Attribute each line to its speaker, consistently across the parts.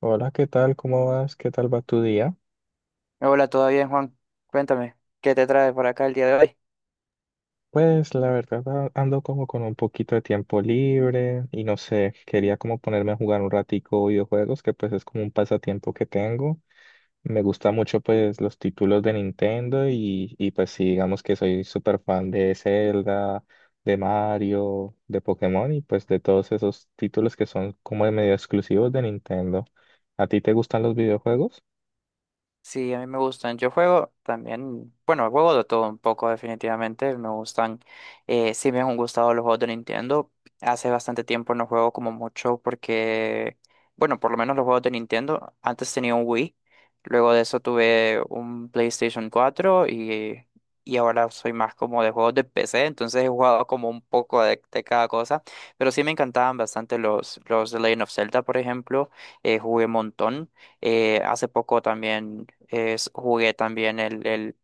Speaker 1: Hola, ¿qué tal? ¿Cómo vas? ¿Qué tal va tu día?
Speaker 2: Hola, ¿todo bien, Juan? Cuéntame, ¿qué te trae por acá el día de hoy?
Speaker 1: Pues la verdad ando como con un poquito de tiempo libre y no sé, quería como ponerme a jugar un ratico videojuegos, que pues es como un pasatiempo que tengo. Me gusta mucho pues los títulos de Nintendo y pues sí, digamos que soy súper fan de Zelda, de Mario, de Pokémon y pues de todos esos títulos que son como de medio exclusivos de Nintendo. ¿A ti te gustan los videojuegos?
Speaker 2: Sí, a mí me gustan. Yo juego también, bueno, juego de todo un poco definitivamente. Me gustan, sí me han gustado los juegos de Nintendo. Hace bastante tiempo no juego como mucho porque, bueno, por lo menos los juegos de Nintendo. Antes tenía un Wii, luego de eso tuve un PlayStation 4 y ahora soy más como de juegos de PC. Entonces he jugado como un poco de cada cosa, pero sí me encantaban bastante los The Legend of Zelda, por ejemplo. Jugué un montón. Hace poco también jugué también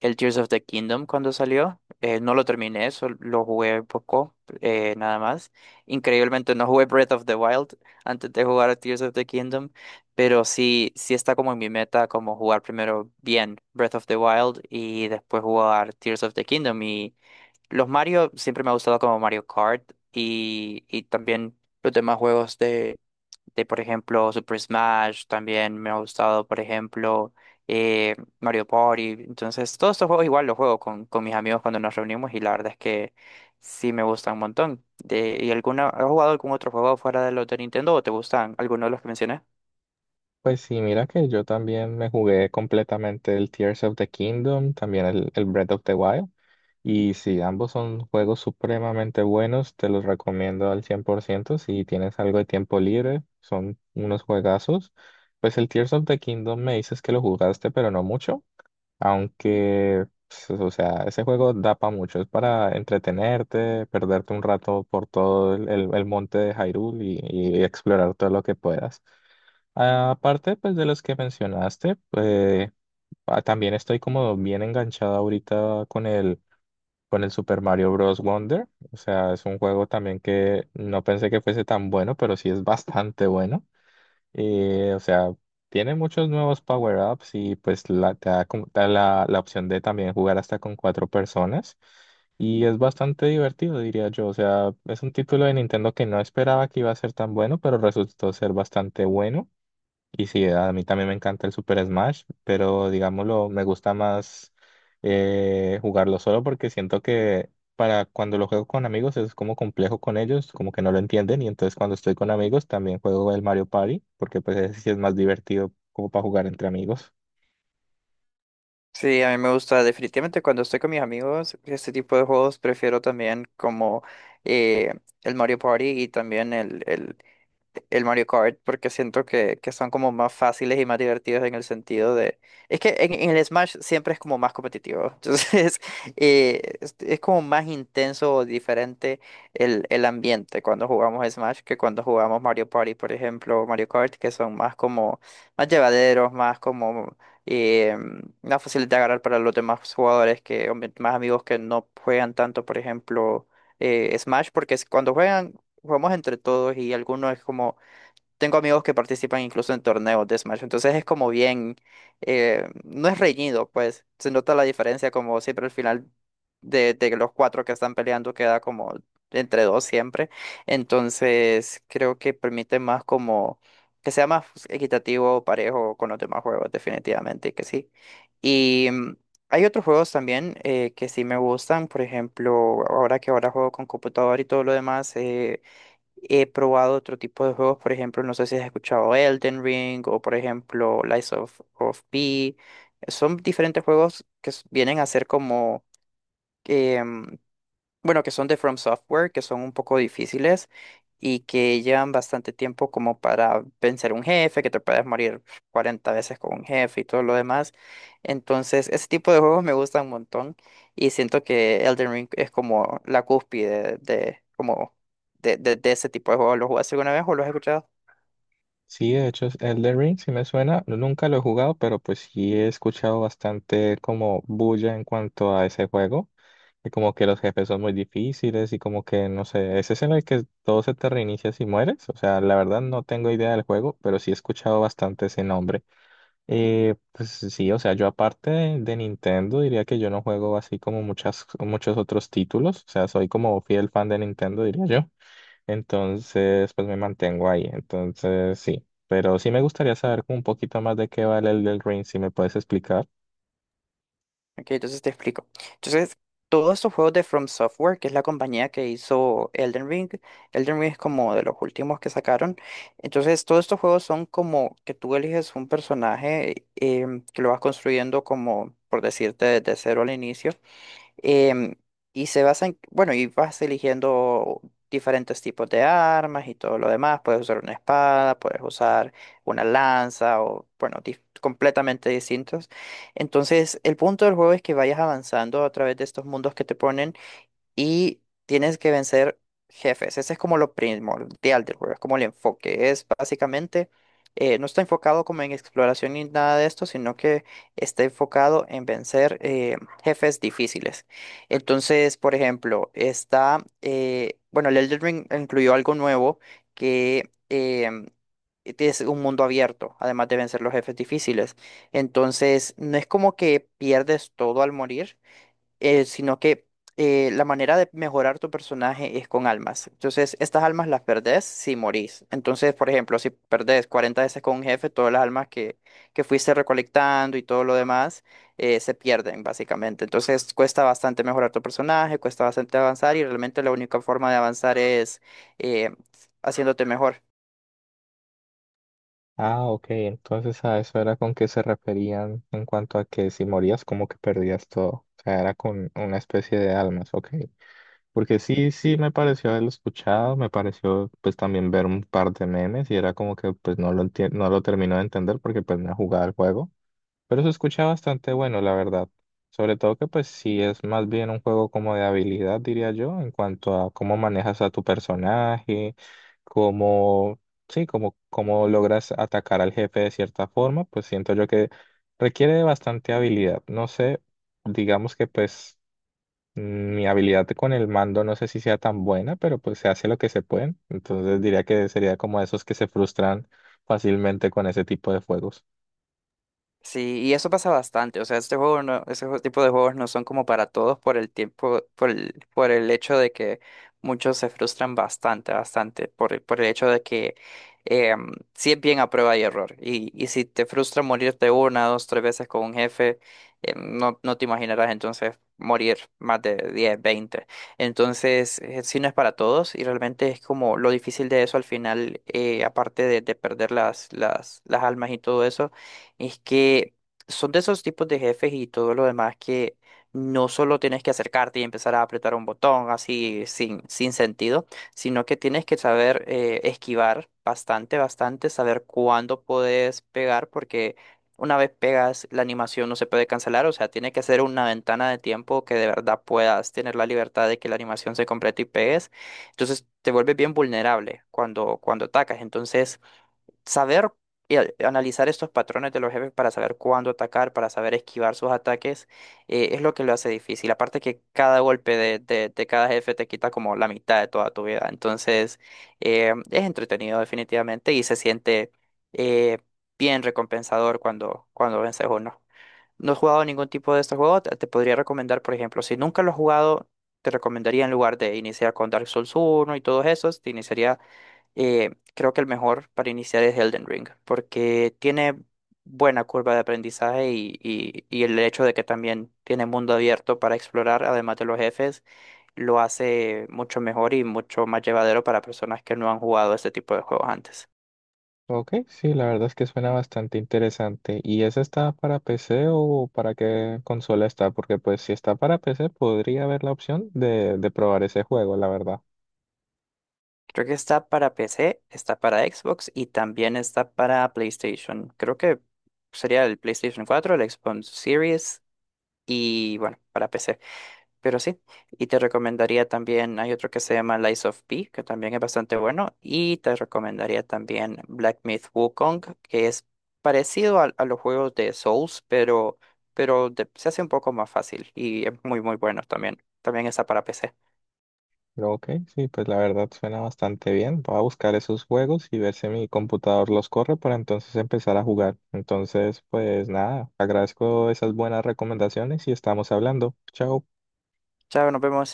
Speaker 2: el Tears of the Kingdom cuando salió. No lo terminé, lo jugué un poco, nada más. Increíblemente no jugué Breath of the Wild antes de jugar a Tears of the Kingdom, pero sí está como en mi meta como jugar primero bien Breath of the Wild y después jugar Tears of the Kingdom. Y los Mario siempre me ha gustado como Mario Kart y también los demás juegos de, por ejemplo, Super Smash, también me ha gustado, por ejemplo, Mario Party. Entonces, todos estos juegos igual los juego con mis amigos cuando nos reunimos y la verdad es que sí me gustan un montón. De, ¿y alguna, has jugado algún otro juego fuera de los de Nintendo o te gustan alguno de los que mencioné?
Speaker 1: Pues sí, mira que yo también me jugué completamente el Tears of the Kingdom, también el Breath of the Wild. Y sí, ambos son juegos supremamente buenos, te los recomiendo al 100% si tienes algo de tiempo libre, son unos juegazos. Pues el Tears of the Kingdom me dices que lo jugaste, pero no mucho, aunque, pues, o sea, ese juego da para mucho, es para entretenerte, perderte un rato por todo el monte de Hyrule y explorar todo lo que puedas. Aparte, pues de los que mencionaste, también estoy como bien enganchada ahorita con con el Super Mario Bros. Wonder. O sea, es un juego también que no pensé que fuese tan bueno, pero sí es bastante bueno. Y, o sea, tiene muchos nuevos power-ups y pues te da, te da la opción de también jugar hasta con cuatro personas. Y es bastante divertido, diría yo. O sea, es un título de Nintendo que no esperaba que iba a ser tan bueno, pero resultó ser bastante bueno. Y sí, a mí también me encanta el Super Smash, pero digámoslo, me gusta más jugarlo solo porque siento que para cuando lo juego con amigos es como complejo con ellos, como que no lo entienden y entonces cuando estoy con amigos también juego el Mario Party porque pues ese sí es más divertido como para jugar entre amigos.
Speaker 2: Sí, a mí me gusta definitivamente cuando estoy con mis amigos, este tipo de juegos prefiero también como eh, el Mario Party y también el Mario Kart porque siento que son como más fáciles y más divertidos en el sentido de... Es que en el Smash siempre es como más competitivo, entonces es como más intenso o diferente el ambiente cuando jugamos Smash que cuando jugamos Mario Party, por ejemplo, o Mario Kart, que son más como más llevaderos, más como eh, más fáciles de agarrar para los demás jugadores, que o más amigos que no juegan tanto, por ejemplo Smash, porque cuando juegan jugamos entre todos y algunos es como, tengo amigos que participan incluso en torneos de Smash, entonces es como bien, no es reñido, pues se nota la diferencia como siempre al final de los cuatro que están peleando queda como entre dos siempre, entonces creo que permite más como que sea más equitativo, parejo con los demás juegos, definitivamente que sí. Y hay otros juegos también que sí me gustan, por ejemplo, ahora que ahora juego con computador y todo lo demás. He probado otro tipo de juegos, por ejemplo, no sé si has escuchado Elden Ring o por ejemplo Lies of P. Son diferentes juegos que vienen a ser como em, bueno, que son de From Software, que son un poco difíciles y que llevan bastante tiempo como para vencer un jefe, que te puedes morir 40 veces con un jefe y todo lo demás. Entonces, ese tipo de juegos me gustan un montón y siento que Elden Ring es como la cúspide como de ese tipo de juegos. ¿Lo jugaste alguna vez o lo has escuchado?
Speaker 1: Sí, de hecho, es Elden Ring sí me suena, nunca lo he jugado, pero pues sí he escuchado bastante como bulla en cuanto a ese juego. Y como que los jefes son muy difíciles y como que, no sé, ese es en el que todo se te reinicia si mueres. O sea, la verdad no tengo idea del juego, pero sí he escuchado bastante ese nombre. Pues sí, o sea, yo aparte de Nintendo diría que yo no juego así como muchas, muchos otros títulos. O sea, soy como fiel fan de Nintendo, diría yo. Entonces, pues me mantengo ahí. Entonces, sí. Pero sí me gustaría saber como un poquito más de qué vale el del Ring, si me puedes explicar.
Speaker 2: Ok, entonces te explico. Entonces, todos estos juegos de From Software, que es la compañía que hizo Elden Ring, Elden Ring es como de los últimos que sacaron. Entonces, todos estos juegos son como que tú eliges un personaje que lo vas construyendo como, por decirte, desde cero al inicio. Em, y se basa en, bueno, y vas eligiendo diferentes tipos de armas y todo lo demás. Puedes usar una espada, puedes usar una lanza o, bueno, completamente distintos. Entonces, el punto del juego es que vayas avanzando a través de estos mundos que te ponen y tienes que vencer jefes. Ese es como lo primordial del juego, es como el enfoque. Es básicamente, no está enfocado como en exploración ni nada de esto, sino que está enfocado en vencer jefes difíciles. Entonces, por ejemplo, está, bueno, el Elden Ring incluyó algo nuevo que es un mundo abierto, además de vencer los jefes difíciles. Entonces, no es como que pierdes todo al morir, sino que la manera de mejorar tu personaje es con almas. Entonces, estas almas las perdés si morís. Entonces, por ejemplo, si perdés 40 veces con un jefe, todas las almas que fuiste recolectando y todo lo demás se pierden, básicamente. Entonces, cuesta bastante mejorar tu personaje, cuesta bastante avanzar y realmente la única forma de avanzar es eh, haciéndote mejor.
Speaker 1: Ah, ok, entonces a eso era con que se referían en cuanto a que si morías como que perdías todo, o sea, era con una especie de almas, ok, porque sí, sí me pareció haberlo escuchado, me pareció pues también ver un par de memes y era como que pues no lo no lo termino de entender porque pues no he jugado el juego. Pero se escucha bastante bueno, la verdad. Sobre todo que pues sí es más bien un juego como de habilidad, diría yo, en cuanto a cómo manejas a tu personaje, cómo, sí, cómo, cómo logras atacar al jefe de cierta forma, pues siento yo que requiere de bastante habilidad. No sé, digamos que pues mm, mi habilidad con el mando no sé si sea tan buena, pero pues se hace lo que se puede. Entonces diría que sería como esos que se frustran fácilmente con ese tipo de juegos.
Speaker 2: Sí, y eso pasa bastante. O sea, este juego no, ese jue- tipo de juegos no son como para todos por el tiempo, por el hecho de que muchos se frustran bastante, por el hecho de que sí es bien a prueba y error. Y si te frustra morirte una, dos, tres veces con un jefe, no te imaginarás entonces morir más de 10, 20. Entonces, sí no es para todos y realmente es como lo difícil de eso al final, aparte de perder las almas y todo eso es que son de esos tipos de jefes y todo lo demás que no solo tienes que acercarte y empezar a apretar un botón así sin sentido, sino que tienes que saber esquivar bastante, saber cuándo puedes pegar, porque una vez pegas la animación no se puede cancelar, o sea, tiene que ser una ventana de tiempo que de verdad puedas tener la libertad de que la animación se complete y pegues. Entonces te vuelves bien vulnerable cuando atacas. Entonces saber y analizar estos patrones de los jefes para saber cuándo atacar, para saber esquivar sus ataques, es lo que lo hace difícil. Aparte que cada golpe de cada jefe te quita como la mitad de toda tu vida. Entonces, es entretenido definitivamente y se siente eh, bien recompensador cuando vences uno. No, he jugado ningún tipo de estos juegos, te podría recomendar, por ejemplo, si nunca lo has jugado, te recomendaría en lugar de iniciar con Dark Souls uno y todos esos, te iniciaría creo que el mejor para iniciar es Elden Ring, porque tiene buena curva de aprendizaje y el hecho de que también tiene mundo abierto para explorar, además de los jefes, lo hace mucho mejor y mucho más llevadero para personas que no han jugado este tipo de juegos antes.
Speaker 1: Ok, sí, la verdad es que suena bastante interesante. ¿Y esa está para PC o para qué consola está? Porque pues si está para PC podría haber la opción de probar ese juego, la verdad.
Speaker 2: Creo que está para PC, está para Xbox y también está para PlayStation. Creo que sería el PlayStation 4 el Xbox Series y bueno, para PC. Pero sí, y te recomendaría también, hay otro que se llama Lies of P, que también es bastante bueno, y te recomendaría también Black Myth Wukong, que es parecido a los juegos de Souls, pero, se hace un poco más fácil y es muy, muy bueno también. También está para PC.
Speaker 1: Pero ok, sí, pues la verdad suena bastante bien. Voy a buscar esos juegos y ver si mi computador los corre para entonces empezar a jugar. Entonces, pues nada, agradezco esas buenas recomendaciones y estamos hablando. Chao.
Speaker 2: Chao, nos vemos.